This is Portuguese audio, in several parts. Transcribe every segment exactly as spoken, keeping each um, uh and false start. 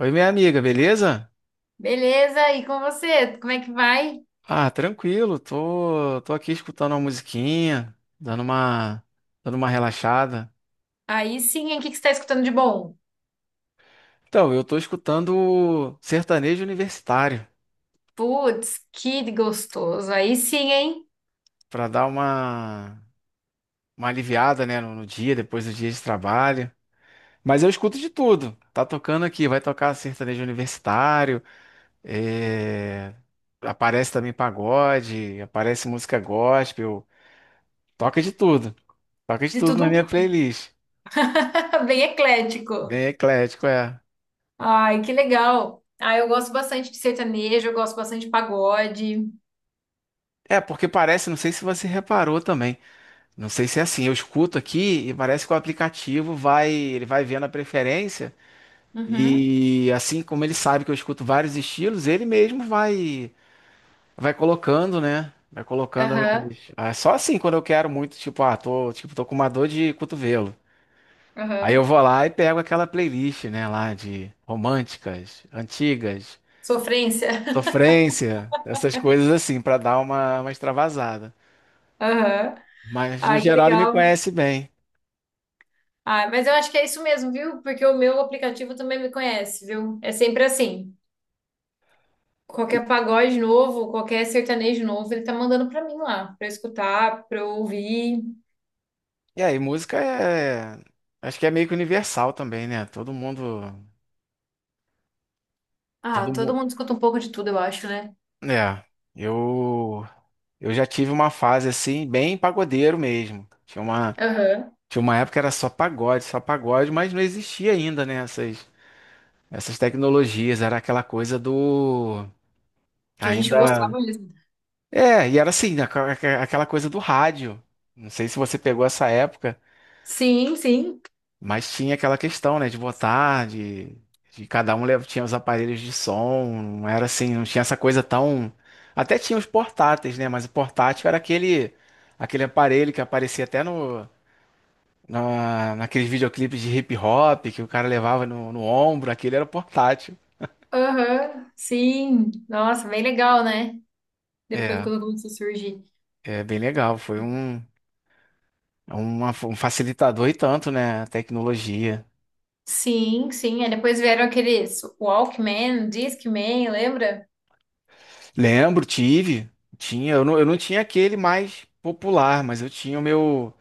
Oi, minha amiga, beleza? Beleza, e com você? Como é que vai? Ah, tranquilo, tô, tô aqui escutando uma musiquinha, dando uma, dando uma relaxada. Aí sim, hein? O que que você está escutando de bom? Então, eu tô escutando sertanejo universitário, Putz, que gostoso. Aí sim, hein? pra dar uma, uma aliviada, né, no, no dia, depois do dia de trabalho. Mas eu escuto de tudo, tá tocando aqui, vai tocar sertanejo universitário, é, aparece também pagode, aparece música gospel, toca de tudo, toca de De tudo na tudo minha playlist. um bem eclético. Bem eclético, é. Ai, que legal. Ah, eu gosto bastante de sertanejo, eu gosto bastante de pagode. É, porque parece, não sei se você reparou também. Não sei se é assim, eu escuto aqui e parece que o aplicativo vai, ele vai vendo a preferência Uhum, e assim como ele sabe que eu escuto vários estilos, ele mesmo vai vai colocando, né? Vai colocando aham, as- ah, só assim quando eu quero muito, tipo, ah, tô, tipo, tô com uma dor de cotovelo. Aí eu aham. vou lá e pego aquela playlist, né, lá de românticas, antigas, Sofrência. sofrência, essas coisas assim, pra dar uma, uma extravasada. Aham. Mas no Ai, que geral ele me legal. conhece bem. Ai, mas eu acho que é isso mesmo, viu? Porque o meu aplicativo também me conhece, viu? É sempre assim. E Qualquer pagode novo, qualquer sertanejo novo, ele tá mandando pra mim lá, pra eu escutar, pra eu ouvir. e aí, música é. Acho que é meio que universal também, né? Todo mundo. Ah, Todo todo mundo. mundo escuta um pouco de tudo, eu acho, né? É. Eu. Eu já tive uma fase assim, bem pagodeiro mesmo. Tinha uma, Aham. Tinha uma época que era só pagode, só pagode, mas não existia ainda, né? Essas, essas tecnologias. Era aquela coisa do. Que a gente Ainda. gostava mesmo. É, e era assim, aqua- aqua- aquela coisa do rádio. Não sei se você pegou essa época. Sim, sim. Mas tinha aquela questão, né, de botar, de, de cada um lev- tinha os aparelhos de som, não era assim, não tinha essa coisa tão. Até tinha os portáteis, né, mas o portátil era aquele, aquele aparelho que aparecia até no, na, naqueles videoclipes de hip hop que o cara levava no, no ombro, aquele era o portátil. Aham, sim. Nossa, bem legal, né? Depois É, quando começou a surgir. é bem legal, foi um, uma- um facilitador e tanto, né, a tecnologia. Sim, sim. Aí depois vieram aqueles Walkman, Discman, lembra? Lembro, tive, tinha, eu não, eu não tinha aquele mais popular, mas eu tinha o meu.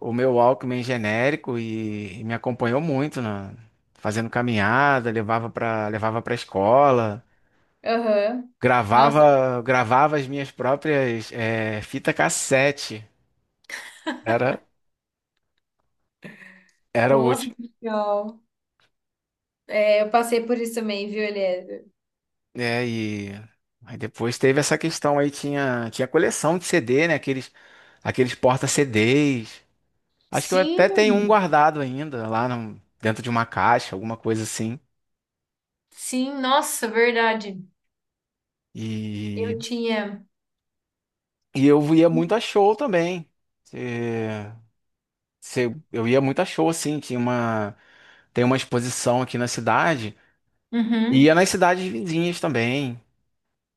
O meu Walkman genérico e, e me acompanhou muito na fazendo caminhada, levava para levava para escola, Aham. Nossa, gravava gravava as minhas próprias eh, fita cassete. Era Era nossa, útil, que legal. É, eu passei por isso também, viu, Eliezer? né? E aí depois teve essa questão aí tinha tinha coleção de C D, né? Aqueles aqueles porta-C Ds. Acho que eu Sim, até tenho um guardado ainda lá no- dentro de uma caixa, alguma coisa assim. sim, nossa, verdade. E, Eu tinha. e eu ia muito a show também. É, Você- eu ia muito a show, assim, tinha uma, tem uma exposição aqui na cidade, e ia Uhum. nas cidades vizinhas também.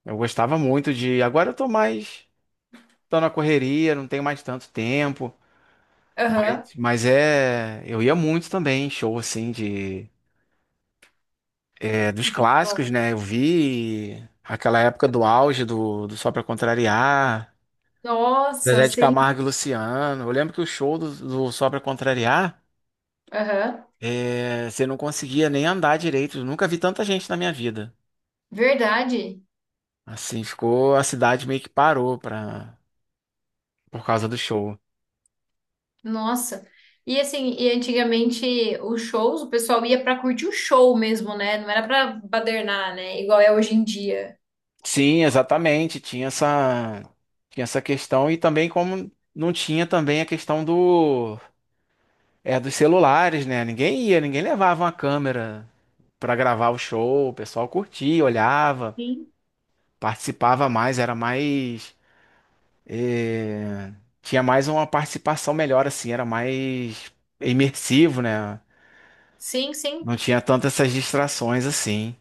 Eu gostava muito de. Agora eu tô mais, Tô na correria, não tenho mais tanto tempo. Mas, Aham. mas é, eu ia muito também, em show assim de, é, dos De Pacói. clássicos, né? Eu vi aquela época do auge do, do Só Pra Contrariar, Nossa, Zezé de sim. Camargo e Luciano. Eu lembro que o show do, do Só Pra Contrariar, Aham. é, você não conseguia nem andar direito. Eu nunca vi tanta gente na minha vida. Verdade. Assim, ficou, a cidade meio que parou pra, por causa do show. Nossa. E assim, e antigamente os shows, o pessoal ia pra curtir o show mesmo, né? Não era pra badernar, né? Igual é hoje em dia. Sim, exatamente, tinha essa, tinha essa questão e também como não tinha também a questão do, é, dos celulares, né? Ninguém ia, ninguém levava uma câmera pra gravar o show, o pessoal curtia, olhava, Sim. participava mais, era mais, eh, tinha mais uma participação melhor assim, era mais imersivo, né? Sim, sim. Não tinha tantas essas distrações assim.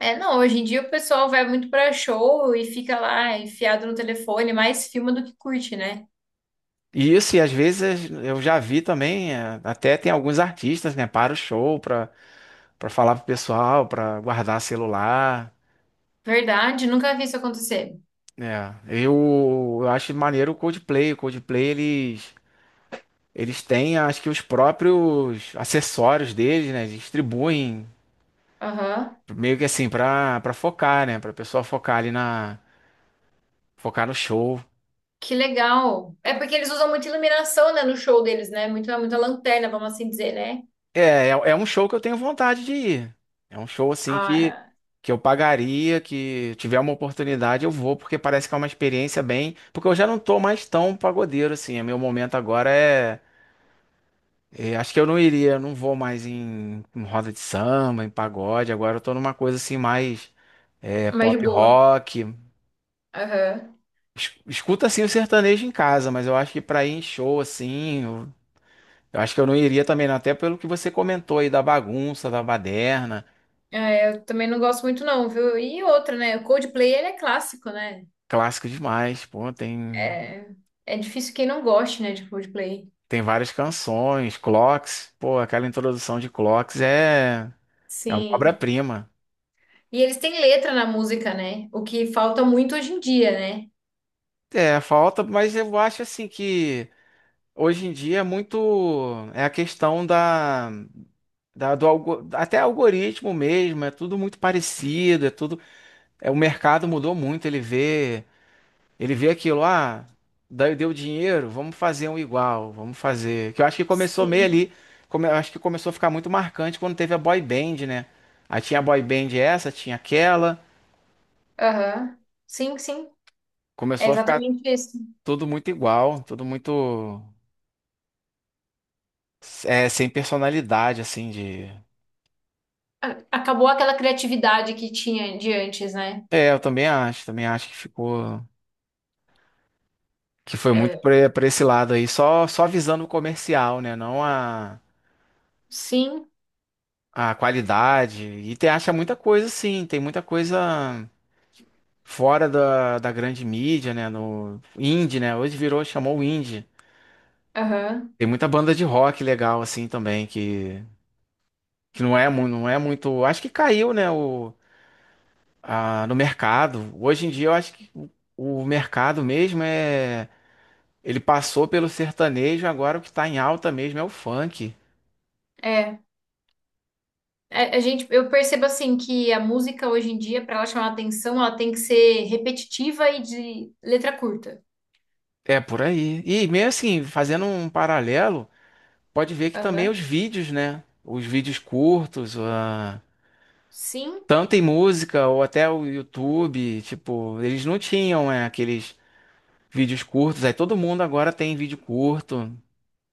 É, não, hoje em dia o pessoal vai muito pra show e fica lá enfiado no telefone, mais filma do que curte, né? E isso, e às vezes eu já vi também, é, até tem alguns artistas, né, para o show, para para falar pro pessoal, para guardar celular, Verdade, nunca vi isso acontecer. né? Eu, eu acho maneiro o Coldplay, o Coldplay eles eles têm, acho que os próprios acessórios deles, né, eles distribuem Aham. meio que assim para para focar, né, para pessoa focar ali na focar no show. Que legal. É porque eles usam muita iluminação, né, no show deles, né? Muita, muita lanterna, vamos assim dizer, né? É, é, é um show que eu tenho vontade de ir. É um show assim que, Ah, que eu pagaria, que tiver uma oportunidade eu vou, porque parece que é uma experiência bem. Porque eu já não tô mais tão pagodeiro assim. O meu momento agora é. É, acho que eu não iria, eu não vou mais em, em roda de samba, em pagode. Agora eu tô numa coisa assim mais é, mais de pop boa. rock. Aham. Es- Escuta assim o sertanejo em casa, mas eu acho que pra ir em show assim, eu, eu acho que eu não iria também, não, até pelo que você comentou aí da bagunça, da baderna. É, eu também não gosto muito, não, viu? E outra, né? O Coldplay, ele é clássico, né? Clássico demais, pô, tem, É é difícil quem não goste, né, de Coldplay. tem várias canções, Clocks, pô, aquela introdução de Clocks é, é uma Sim. obra-prima. E eles têm letra na música, né? O que falta muito hoje em dia, né? É, falta, mas eu acho assim que hoje em dia é muito, é a questão da, da do algo, até algoritmo mesmo, é tudo muito parecido, é tudo, é, o mercado mudou muito, ele vê. Ele vê aquilo, ah, daí deu dinheiro, vamos fazer um igual, vamos fazer. Que eu acho que começou meio Sim. ali, come- eu acho que começou a ficar muito marcante quando teve a boy band, né? Aí tinha a boy band essa, tinha aquela, Aham. Sim, sim. É começou a ficar exatamente isso. tudo muito igual, tudo muito é, sem personalidade, assim, de... A- Acabou aquela criatividade que tinha de antes, né? É, eu também acho, também acho que ficou... Que foi muito É. pra pra esse lado aí, só, só visando o comercial, né? Não a, Sim. a qualidade. E tem, acha muita coisa, sim, tem muita coisa fora da, da grande mídia, né? No indie, né? Hoje virou, chamou o indie. Aham. Tem muita banda de rock legal assim também que, que não é, mu- não é muito, acho que caiu, né, o, a- no mercado. Hoje em dia eu acho que o, o mercado mesmo é ele passou pelo sertanejo, agora o que tá em alta mesmo é o funk. É, a, a gente, eu percebo assim que a música hoje em dia, para ela chamar atenção, ela tem que ser repetitiva e de letra curta. É por aí. E meio assim, fazendo um paralelo, pode ver que também os Aham. vídeos, né? Os vídeos curtos. Sim, Tanto em música ou até o YouTube, tipo, eles não tinham, é, aqueles vídeos curtos. Aí todo mundo agora tem vídeo curto.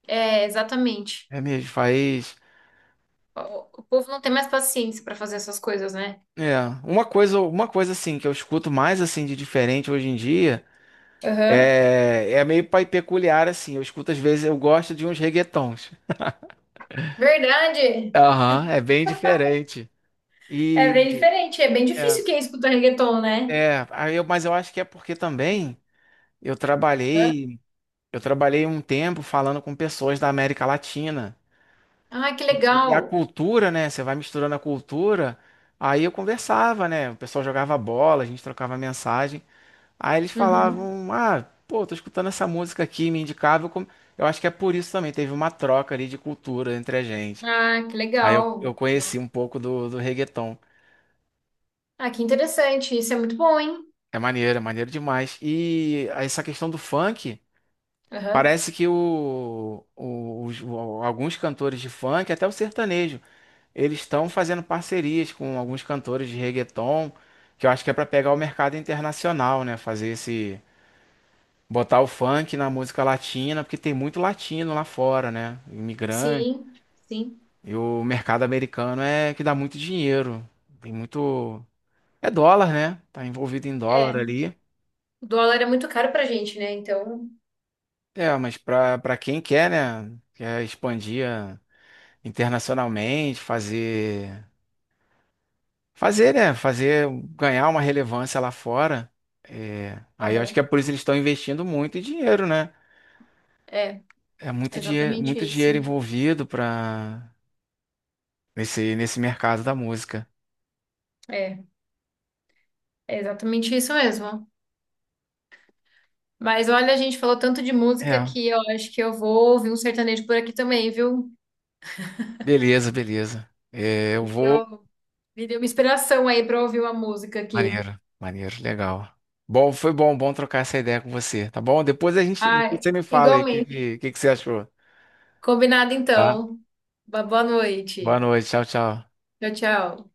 é, exatamente. É mesmo, faz. O, o povo não tem mais paciência para fazer essas coisas, né? É, uma coisa, uma coisa assim que eu escuto mais assim de diferente hoje em dia Aham. é, é meio pai- peculiar assim. Eu escuto às vezes, eu gosto de uns reggaetons. Verdade. Aham, é bem diferente. É E bem diferente, é bem é, difícil quem escuta reggaeton, né? é, aí eu, mas eu acho que é porque também eu Hã? trabalhei, eu trabalhei um tempo falando com pessoas da América Latina. Ah, que E e legal. a cultura, né? Você vai misturando a cultura. Aí eu conversava, né? O pessoal jogava bola, a gente trocava mensagem. Aí eles Uhum. falavam: Ah, pô, tô escutando essa música aqui, me indicava. Eu, come- eu acho que é por isso também, teve uma troca ali de cultura entre a gente. Ah, que Aí eu, eu legal. conheci um pouco do, do reggaeton. Ah, que interessante. Isso é muito bom, hein? É maneiro, é maneiro demais. E essa questão do funk, Aham. parece que o, o- os- o- alguns cantores de funk, até o sertanejo. Eles estão fazendo parcerias com alguns cantores de reggaeton, que eu acho que é para pegar o mercado internacional, né? Fazer esse, botar o funk na música latina, porque tem muito latino lá fora, né? Imigrante. Sim, sim. E o mercado americano é que dá muito dinheiro. Tem muito, É dólar, né? Tá envolvido em dólar ali. O dólar é muito caro pra gente, né? Então, É, mas para para quem quer, né? Quer expandir ah, internacionalmente, fazer Fazer, né? Fazer, ganhar uma relevância lá fora. É, aí eu acho aham, que é por isso que eles estão investindo muito dinheiro, né? é, É muito dinheiro, exatamente muito isso. dinheiro envolvido para nesse, nesse mercado da música. É, é exatamente isso mesmo. Mas olha, a gente falou tanto de música É, que eu acho que eu vou ouvir um sertanejo por aqui também, viu? beleza, beleza. É, eu Me vou. deu, me deu uma inspiração aí pra ouvir uma música aqui. Maneiro, maneiro, legal. Bom, foi bom, bom trocar essa ideia com você, tá bom? Depois a gente, depois Ai, você me fala aí o que, igualmente. que, que que você achou, Combinado tá? então. Uma boa Boa noite. noite, tchau, tchau. Tchau, tchau.